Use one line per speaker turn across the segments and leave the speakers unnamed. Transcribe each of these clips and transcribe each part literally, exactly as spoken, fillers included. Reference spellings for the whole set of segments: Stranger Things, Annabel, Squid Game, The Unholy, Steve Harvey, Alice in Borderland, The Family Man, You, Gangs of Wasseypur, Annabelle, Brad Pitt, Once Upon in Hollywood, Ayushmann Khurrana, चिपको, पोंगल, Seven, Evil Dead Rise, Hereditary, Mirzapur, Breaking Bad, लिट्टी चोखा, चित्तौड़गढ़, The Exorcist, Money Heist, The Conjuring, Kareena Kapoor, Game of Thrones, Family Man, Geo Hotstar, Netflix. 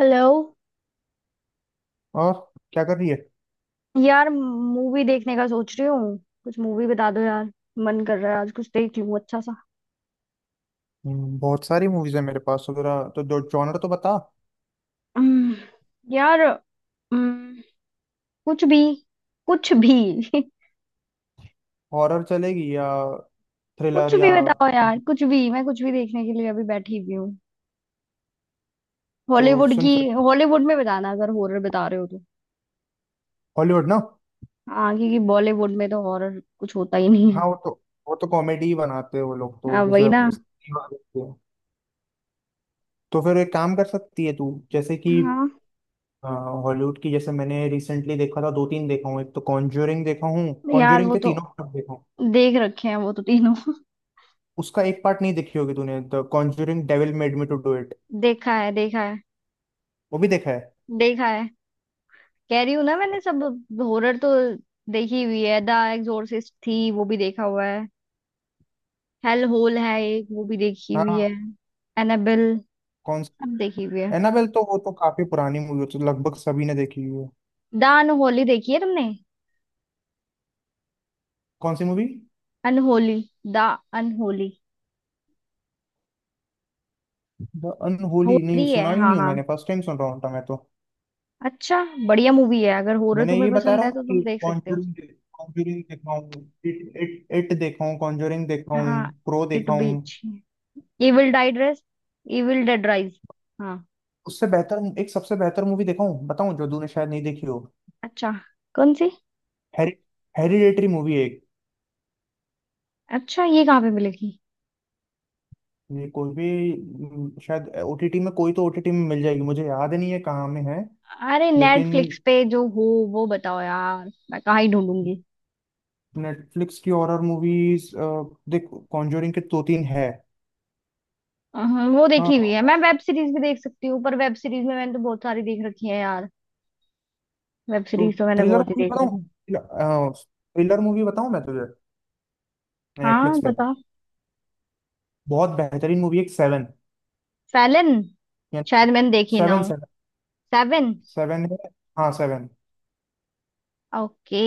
Hello.
और क्या कर रही है?
यार मूवी देखने का सोच रही हूँ। कुछ मूवी बता दो यार। मन कर रहा है आज कुछ देख लूँ अच्छा सा।
हम्म, बहुत सारी मूवीज है मेरे पास वगैरह, तो जो जॉनर तो बता।
हम्म। यार हम्म, कुछ भी। कुछ भी।
हॉरर चलेगी या
कुछ
थ्रिलर?
भी
या
बताओ यार, कुछ भी, मैं कुछ भी देखने के लिए अभी बैठी हुई हूँ।
तो
हॉलीवुड
सुन
की
फिर,
हॉलीवुड में बताना अगर हॉरर बता रहे हो तो।
हॉलीवुड ना।
हाँ, क्योंकि बॉलीवुड में तो हॉरर कुछ होता ही नहीं है।
हाँ, वो तो वो तो कॉमेडी ही बनाते हैं वो लोग, तो
हाँ
जैसे
वही ना।
अपने Steve Harvey के। तो फिर एक काम कर सकती है तू, जैसे कि
हाँ।
हॉलीवुड की, जैसे मैंने रिसेंटली देखा था दो तीन देखा हूँ। एक तो कॉन्ज्यूरिंग देखा हूँ,
यार
कॉन्ज्यूरिंग
वो
के
तो
तीनों पार्ट देखा हूँ।
देख रखे हैं वो तो, तीनों।
उसका एक पार्ट नहीं देखी होगी तूने, the conjuring devil made me to do it.
देखा है, देखा है।
वो भी देखा है।
देखा है, कह रही हूँ ना मैंने सब। हॉरर तो देखी हुई है। द एग्जोर्सिस्ट थी, वो भी देखा हुआ है। हेल होल है एक, वो भी देखी हुई
हाँ।
है। एनाबेल,
कौन?
सब देखी हुई है।
एनाबेल तो वो तो काफी पुरानी मूवी, तो लगभग सभी ने देखी हुई है।
द अनहोली देखी है तुमने?
कौन सी movie?
Unholy, the unholy.
The unholy
horror
नहीं
ही है,
सुना, ही
हाँ
नहीं हूँ
हाँ।
मैंने, फर्स्ट टाइम सुन रहा हूँ मैं तो।
अच्छा, बढ़िया मूवी है, अगर हॉरर
मैंने
तुम्हें
ये बता
पसंद
रहा
है
हूँ
तो
कि
तुम देख सकते हो।
कॉन्जरिंग, कॉन्जरिंग देखा हूँ, इट इट इट देखा हूँ, कॉन्जरिंग देखा हूँ,
हाँ,
प्रो
इट
देखा
भी
हूँ।
अच्छी है। Evil dead rise, evil dead rise. हाँ।
उससे बेहतर एक सबसे बेहतर मूवी देखा हूँ, बताऊँ जो तूने शायद नहीं देखी हो।
अच्छा, कौन सी?
हेरि हेरिडेटरी मूवी है एक।
अच्छा, ये कहाँ पे मिलेगी?
ये कोई भी म, शायद ओटीटी में, कोई तो ओटीटी में मिल जाएगी, मुझे याद नहीं है कहाँ में है
अरे
लेकिन।
नेटफ्लिक्स पे जो हो वो बताओ यार, मैं कहाँ ही ढूंढूंगी।
नेटफ्लिक्स की हॉरर मूवीज देख, कॉन्जोरिंग के दो तीन है।
अहं, वो
हाँ,
देखी हुई है। मैं वेब सीरीज भी देख सकती हूँ, पर वेब सीरीज में मैंने तो बहुत सारी देख रखी है यार। वेब
तो
सीरीज तो मैंने
थ्रिलर
बहुत ही
मूवी
देख रखी है।
बताऊँ? थ्रिलर मूवी बताऊँ मैं तुझे
हाँ
नेटफ्लिक्स पे
बताओ।
बहुत बेहतरीन मूवी है, सेवन।
फैलन? शायद
यानी
मैंने देखी ना
सेवन
हो।
Seven
seven.
सेवन है, हाँ सेवन।
ओके।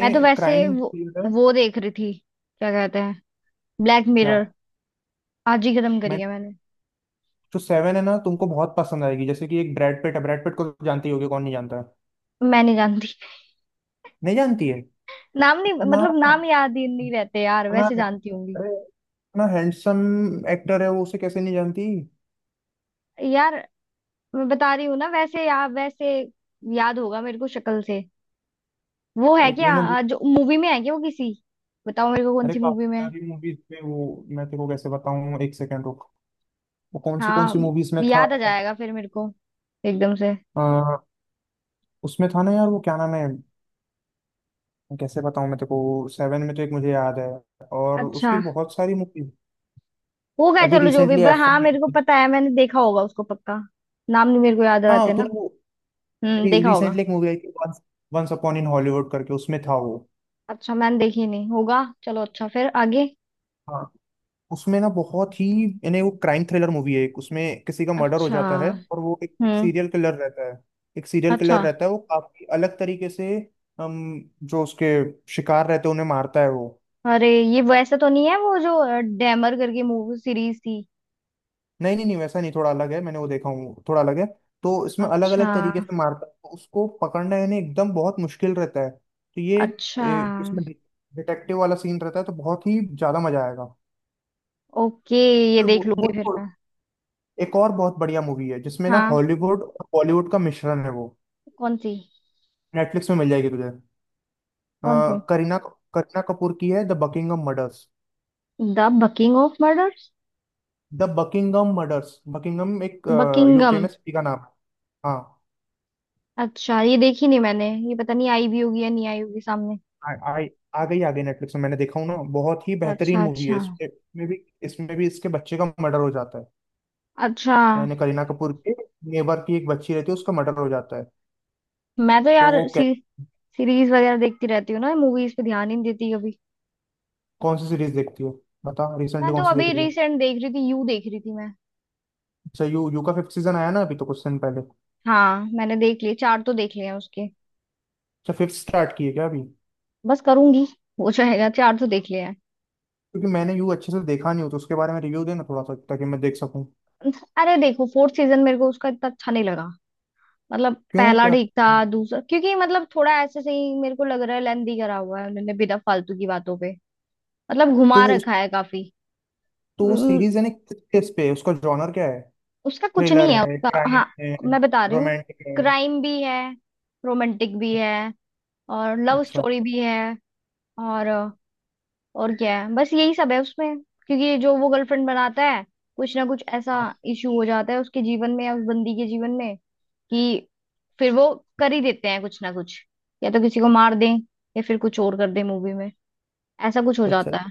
मैं तो वैसे
क्राइम
वो
थ्रिलर है।
वो देख रही थी, क्या कहते हैं, ब्लैक
क्या?
मिरर। आज ही खत्म करी
मैं
है मैंने।
जो सेवन है ना, तुमको बहुत पसंद आएगी। जैसे कि एक ब्रैड पिट है, ब्रैड पिट को तो जानती होगी, कौन नहीं जानता है।
मैं नहीं जानती।
नहीं जानती है?
नाम नहीं,
इतना
मतलब नाम याद ही नहीं रहते यार,
इतना
वैसे जानती होंगी।
अरे इतना हैंडसम एक्टर है वो, उसे कैसे नहीं जानती?
यार मैं बता रही हूँ ना, वैसे, या वैसे याद होगा मेरे को शक्ल से। वो है
एक
क्या,
ये ना वो-
अ, जो मूवी में है, क्या वो किसी? बताओ मेरे को कौन
अरे
सी
काफी
मूवी में है?
सारी मूवीज पे वो, मैं तेरे को कैसे बताऊं, एक सेकंड रुक। वो कौन सी कौन
हाँ,
सी मूवीज में था?
याद आ जाएगा फिर मेरे को एकदम से।
अ, उसमें था ना यार, वो क्या नाम है? कैसे बताऊं मैं तेरे को, सेवन में तो एक मुझे याद है, और उसकी
अच्छा
बहुत सारी मूवीज।
होगा,
अभी
चलो जो भी
रिसेंटली
ब-
एफ
हाँ,
वन आई
मेरे को
थी।
पता है मैंने देखा होगा उसको पक्का। नाम नहीं मेरे को याद
हाँ
रहते ना।
तूने वो,
हम्म देखा होगा।
रिसेंटली एक मूवी आई थी वंस अपॉन इन हॉलीवुड करके, उसमें था वो।
अच्छा मैंने देखी नहीं होगा, चलो अच्छा फिर आगे।
हाँ उसमें ना बहुत ही, यानी वो क्राइम थ्रिलर मूवी है। एक उसमें किसी का मर्डर हो
अच्छा।
जाता है, और वो एक, एक
हम्म।
सीरियल किलर रहता है। एक सीरियल
अच्छा।
किलर रहता है, वो काफी अलग तरीके से, हम जो उसके शिकार रहते हैं उन्हें मारता है वो।
अरे ये वैसा तो नहीं है वो, जो अ, डैमर करके मूवी सीरीज थी?
नहीं नहीं नहीं वैसा नहीं, थोड़ा अलग है, मैंने वो देखा हूँ, थोड़ा अलग है। तो इसमें अलग
अच्छा।
अलग तरीके से मारता है, तो उसको पकड़ना यानी एकदम बहुत मुश्किल रहता है, तो ये
अच्छा।
ए, इसमें डिटेक्टिव वाला सीन रहता है, तो बहुत ही ज्यादा मजा आएगा।
ओके, ये
वो
देख लूंगी फिर मैं।
वो एक और बहुत बढ़िया मूवी है, जिसमें ना
हाँ।
हॉलीवुड और बॉलीवुड का मिश्रण है वो।
कौन सी?
नेटफ्लिक्स में मिल जाएगी तुझे। अ,
कौन सी?
करीना करीना कपूर की है, the Buckingham murders.
The bucking off murder?
The Buckingham murders, Buckingham एक यूके
बकिंगम।
में सिटी का नाम है। हाँ।
अच्छा, ये देखी नहीं मैंने, ये पता नहीं आई भी होगी या नहीं आई होगी सामने।
आ, आ, आ गई आ गई नेटफ्लिक्स में, मैंने देखा हूँ ना, बहुत ही बेहतरीन
अच्छा।
मूवी है।
अच्छा।
इसमें इसमें भी इसमें भी इसके बच्चे का मर्डर हो जाता है।
अच्छा।
यानी करीना कपूर के नेबर की एक बच्ची रहती है, उसका मर्डर हो जाता है।
मैं तो
तो
यार
वो कै,
सी, सीरीज वगैरह देखती रहती हूँ ना, मूवीज पे ध्यान ही नहीं देती कभी।
कौन सी सीरीज देखती है बता, रिसेंटली
मैं तो
कौन सी देख
अभी
रही है?
रिसेंट देख रही थी, यू देख रही थी मैं।
अच्छा यू, यू का फिफ्थ सीजन आया ना अभी तो कुछ दिन पहले।
हाँ मैंने देख लिए, चार तो देख लिए हैं उसके।
अच्छा फिफ्थ स्टार्ट की है क्या अभी?
बस करूंगी, हो जाएगा, चार तो देख लिए हैं।
क्योंकि मैंने यू अच्छे से देखा नहीं, हो तो उसके बारे में रिव्यू देना थोड़ा सा, ताकि मैं देख सकूं।
अरे देखो, फोर्थ सीजन मेरे को उसका इतना अच्छा नहीं लगा। मतलब
क्यों
पहला
क्या?
ठीक था, दूसरा क्योंकि मतलब थोड़ा ऐसे सही, मेरे को लग रहा है लेंदी करा हुआ है उन्होंने, बिना फालतू की बातों पे मतलब
तो
घुमा
वो उस
रखा है काफी।
तो वो
उम,
सीरीज है ना, किस किस पे है? उसका जॉनर क्या है?
उसका कुछ
थ्रिलर
नहीं है
है,
उसका,
क्राइम
हाँ।
है,
मैं बता रही हूँ।
रोमांटिक है?
क्राइम भी है, रोमांटिक भी है, और लव
अच्छा।
स्टोरी भी है। और और क्या है, बस यही सब है उसमें। क्योंकि जो वो गर्लफ्रेंड बनाता है, कुछ ना कुछ ऐसा
हाँ।
इशू हो जाता है उसके जीवन में या उस बंदी के जीवन में कि फिर वो कर ही देते हैं कुछ ना कुछ, या तो किसी को मार दें या फिर कुछ और कर दें मूवी में, ऐसा कुछ हो
अच्छा,
जाता है।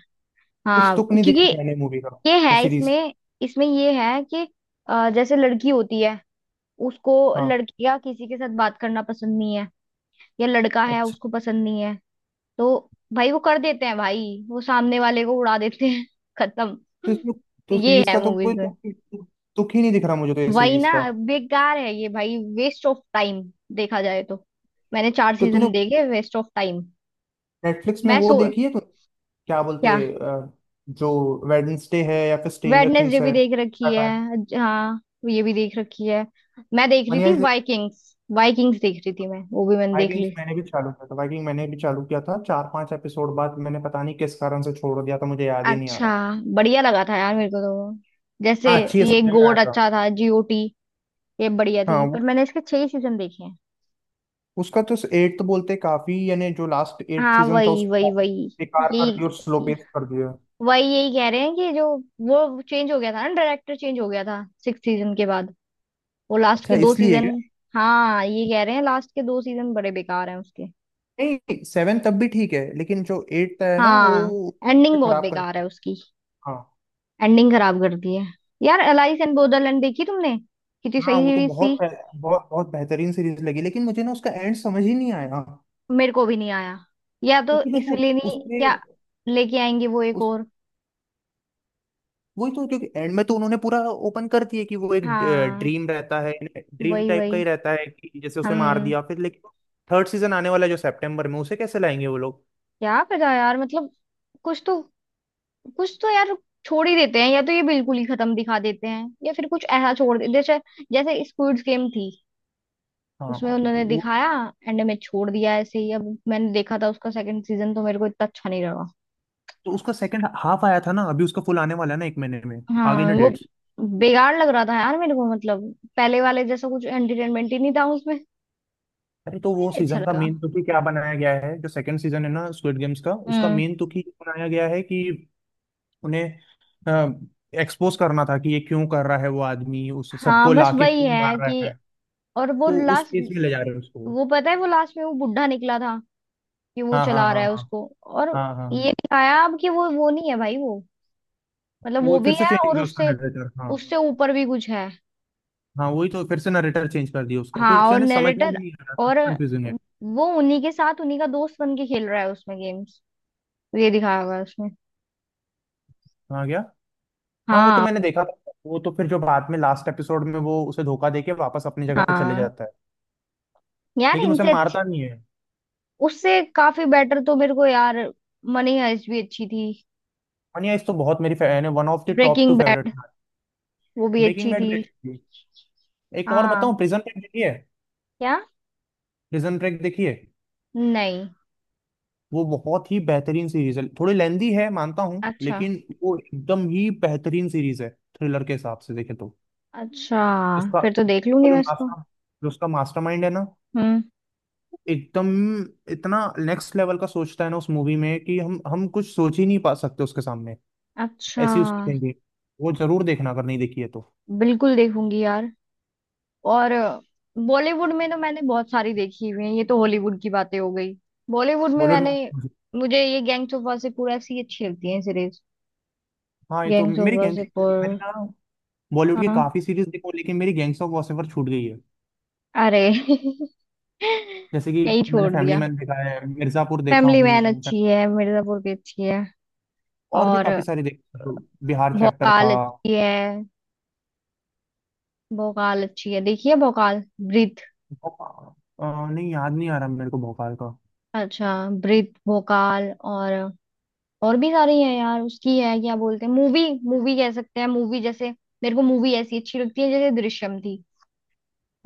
कुछ
हाँ
तुक नहीं
क्योंकि
दिखा मैंने मूवी
ये
का,
है
सीरीज।
इसमें। इसमें ये है कि अ, जैसे लड़की होती है उसको,
हाँ।
लड़की का किसी के साथ बात करना पसंद नहीं है, या लड़का है
अच्छा,
उसको पसंद नहीं है, तो भाई वो कर देते हैं भाई, वो सामने वाले को उड़ा देते हैं,
तो
खत्म।
इसमें तो
ये
सीरीज
है
का तो कोई
मूवीज में।
तुक, तुक ही नहीं दिख रहा मुझे तो, ये
वही
सीरीज
ना,
का।
बेकार है ये भाई, वेस्ट ऑफ टाइम देखा जाए तो। मैंने चार
तो तूने
सीजन देखे, वेस्ट ऑफ टाइम।
नेटफ्लिक्स में
मैं
वो
सो।
देखी है, तो क्या बोलते
क्या?
हैं, अ, जो वेडनेसडे है या फिर स्ट्रेंजर
वेडनेसडे
थिंग्स
भी
है?
देख रखी है, ज- हाँ, ये भी देख रखी है। मैं देख रही
मनी
थी वाइकिंग्स, वाइकिंग्स देख रही थी मैं, वो भी मैंने देख
वाइकिंग्स
ली।
मैंने भी चालू किया था, वाइकिंग मैंने भी चालू किया था चार पांच एपिसोड बाद मैंने पता नहीं किस कारण से छोड़ दिया था, मुझे याद ही नहीं आ
अच्छा।
रहा।
बढ़िया लगा था यार मेरे को तो वो। जैसे
हाँ अच्छी है
ये
सुनने में आया
गोट
था।
अच्छा था, जी ओ टी, ये बढ़िया
हाँ
थी, पर
वो,
मैंने इसके छह ही सीजन देखे हैं।
उसका तो एट्थ बोलते काफी, यानी जो लास्ट एट
हाँ
सीजन था
वही वही
उसको काफी
वही,
बेकार कर दिया, और स्लो
यही,
पेस कर दिया।
वही यही कह रहे हैं कि जो वो चेंज हो गया था ना, डायरेक्टर चेंज हो गया था सिक्स सीजन के बाद, वो लास्ट के
अच्छा,
दो
इसलिए
सीजन
क्या?
हाँ, ये कह रहे हैं लास्ट के दो सीजन बड़े बेकार हैं उसके।
नहीं सेवन तब भी ठीक है, लेकिन जो एट्थ है ना, वो
हाँ।
उसे
एंडिंग बहुत
खराब कर
बेकार है
दिया।
उसकी।
हाँ
एंडिंग खराब कर दी है। यार एलाइस एंड बोदरलैंड देखी तुमने? कितनी
हाँ,
सही
वो तो
सीरीज थी।
बहुत बहुत बहुत बेहतरीन सीरीज लगी, लेकिन मुझे ना उसका एंड समझ ही नहीं आया।
मेरे को भी नहीं आया। या तो
क्योंकि देखो
इसलिए नहीं,
उसमें
क्या लेके आएंगे वो एक
उस
और।
वही तो, क्योंकि एंड में तो उन्होंने पूरा ओपन कर दिया कि वो एक
हाँ
ड्रीम रहता है, ड्रीम
वही
टाइप का
वही।
ही रहता है, कि जैसे उसे मार
हम।
दिया फिर, लेकिन थर्ड सीजन आने वाला है जो सितंबर में, उसे कैसे लाएंगे वो लोग?
क्या पता यार, मतलब कुछ तो, कुछ तो यार छोड़ ही देते हैं, या तो ये बिल्कुल ही खत्म दिखा देते हैं या फिर कुछ ऐसा छोड़ देते, जैसे, जैसे स्क्विड गेम थी, उसमें
हाँ
उन्होंने
वो
दिखाया, एंड में छोड़ दिया ऐसे ही। अब मैंने देखा था उसका सेकंड सीजन, तो मेरे को इतना अच्छा नहीं लगा।
तो, उसका सेकंड हाफ आया था ना, अभी उसका फुल आने वाला है ना एक महीने में, आ गई
हाँ
ना
वो
डेट्स।
बेकार लग रहा था यार मेरे को, मतलब पहले वाले जैसा कुछ एंटरटेनमेंट ही नहीं था उसमें।
अरे तो
मुझे
वो
नहीं अच्छा
सीजन का
लगा।
मेन तुकी क्या बनाया गया है, जो सेकंड सीजन है ना स्क्विड गेम्स का, उसका
हम्म।
मेन तुकी ये बनाया गया है कि उन्हें एक्सपोज करना था कि ये क्यों कर रहा है वो आदमी, उस
हाँ
सबको
बस
लाके
वही
क्यों
है
मार रहा
कि,
है।
और वो
तो उस
लास्ट,
पेस में ले जा रहे हैं उसको।
वो पता है वो लास्ट में वो बुढ़ा निकला था कि वो
हाँ हाँ
चला
हाँ
रहा है
हाँ।
उसको, और
हाँ हाँ
ये
हाँ।
दिखाया अब कि वो वो नहीं है भाई, वो मतलब
वो
वो भी
फिर से
है
चेंज हो
और
गया उसका
उससे,
नरेटर, हाँ।
उससे ऊपर भी कुछ है।
हाँ वही तो, फिर से नरेटर चेंज कर दिया उसका
हाँ
कुछ,
और
यानी समझ में भी
नरेटर,
नहीं आ रहा था,
और
कंफ्यूजिंग है।
वो उन्हीं के साथ उन्हीं का दोस्त बन के खेल रहा है उसमें गेम्स, ये दिखाया हुआ है उसमें।
हाँ क्या? हाँ वो तो
हाँ।
मैंने देखा था। वो तो फिर जो बाद में लास्ट एपिसोड में, वो उसे धोखा देके वापस अपनी जगह पे चले
हाँ।
जाता है,
यार
लेकिन उसे
इनसे अच्छी,
मारता नहीं है।
उससे काफी बेटर तो मेरे को यार मनी हाइस्ट भी अच्छी थी।
मनिया इस तो बहुत मेरी फैन है, one of the top two
breaking
favourite.
Bad, वो भी
ब्रेकिंग
अच्छी
बैड
थी।
भी अच्छी है। एक और
हाँ।
बताऊं, प्रिजन ब्रेक देखिए।
क्या?
प्रिजन ब्रेक देखिए,
नहीं।
वो बहुत ही बेहतरीन सीरीज है, थोड़ी लेंदी है मानता हूँ
अच्छा,
लेकिन वो एकदम ही बेहतरीन सीरीज है, थ्रिलर के हिसाब से देखे तो।
अच्छा,
उसका
फिर तो देख
उसका
लूंगी
जो
मैं इसको।
मास्टर, जो उसका मास्टरमाइंड है ना,
हम्म।
वो एकदम इतना नेक्स्ट लेवल का सोचता है ना उस मूवी में, कि हम हम कुछ सोच ही नहीं पा सकते उसके सामने,
अच्छा।
ऐसी उसकी थिंकिंग। वो जरूर देखना अगर नहीं देखी है तो।
बिल्कुल देखूंगी यार। और बॉलीवुड में तो मैंने बहुत सारी देखी हुई है, ये तो हॉलीवुड की बातें हो गई। बॉलीवुड में
बॉलीवुड
मैंने,
में
मुझे ये गैंग्स ऑफ वासेपुर ऐसी अच्छी लगती है सीरीज।
हाँ, ये तो
गैंग्स ऑफ
मेरी गैंग्स
वासेपुर।
मैंने ना, बॉलीवुड की
हाँ।
काफी सीरीज देखो, लेकिन मेरी गैंग्स ऑफ वासेवर छूट गई है।
अरे
जैसे कि
यही
मैंने
छोड़
फैमिली
दिया।
मैन देखा है, मिर्जापुर देखा
फैमिली मैन
हूँ,
अच्छी है, मिर्जापुर की अच्छी है,
और भी
और
काफी सारे देखे, बिहार चैप्टर
भोकाल
था।
अच्छी है। भोकाल अच्छी है, देखिए भोकाल, ब्रीथ।
भोपाल- अ, नहीं याद नहीं आ रहा मेरे को भोपाल का।
अच्छा। ब्रीथ, भोकाल, और और भी सारी है यार उसकी, है क्या बोलते हैं, मूवी, मूवी कह सकते हैं, मूवी जैसे, मेरे को मूवी ऐसी अच्छी लगती है जैसे दृश्यम थी।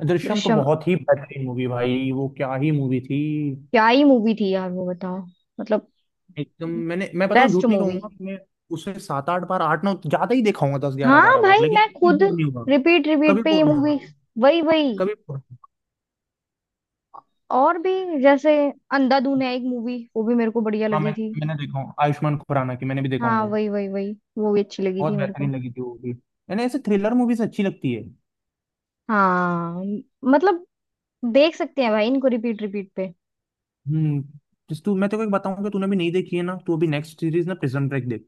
दृश्यम तो
दृश्यम,
बहुत ही बेहतरीन मूवी भाई, वो क्या ही मूवी थी।
क्या ही मूवी थी यार वो बताओ, मतलब,
एकदम मैंने, मैं बताऊं,
बेस्ट
झूठ नहीं
मूवी।
कहूंगा मैं, उसे सात आठ बार, आठ नौ, ज्यादा ही देखा होगा, दस ग्यारह
हाँ
बारह बार
भाई
लेकिन
मैं
कभी
खुद,
बोर नहीं हुआ,
रिपीट
कभी
रिपीट पे ये
बोर नहीं
मूवी।
हुआ,
वही वही।
कभी बोर नहीं हुआ।
और भी, जैसे अंधाधुन है एक मूवी, वो भी मेरे को बढ़िया
हाँ
लगी
मैं
थी।
मैंने देखा हूँ, आयुष्मान खुराना की, मैंने भी देखा हूँ
हाँ
वो,
वही वही वही, वो भी अच्छी लगी
बहुत
थी मेरे को।
बेहतरीन लगी थी वो भी। मैंने ऐसे थ्रिलर मूवीज अच्छी लगती है।
हाँ मतलब देख सकते हैं भाई इनको रिपीट रिपीट पे।
हम्म। जिस तू, मैं तेरे को एक बताऊं कि तूने भी नहीं देखी है ना, तू अभी नेक्स्ट सीरीज ना प्रिजन ब्रेक देख।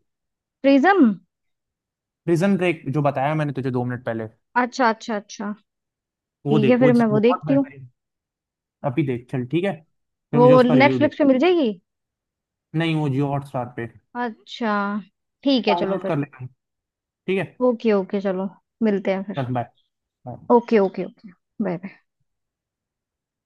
प्रिज्म?
प्रिजन ब्रेक जो बताया मैंने तुझे दो मिनट पहले,
अच्छा अच्छा अच्छा,
वो
ठीक है
देख। वो
फिर मैं
जिस-
वो
बहुत
देखती हूँ।
बेहतरीन। अभी देख, चल ठीक है, फिर मुझे
वो
उसका रिव्यू दे।
नेटफ्लिक्स पे मिल जाएगी?
नहीं, वो जियो हॉटस्टार पे,
अच्छा, ठीक है चलो
डाउनलोड कर
फिर।
लेना, ठीक है।
ओके ओके चलो, मिलते हैं फिर।
चल, bye.
Okay okay okay, bye bye.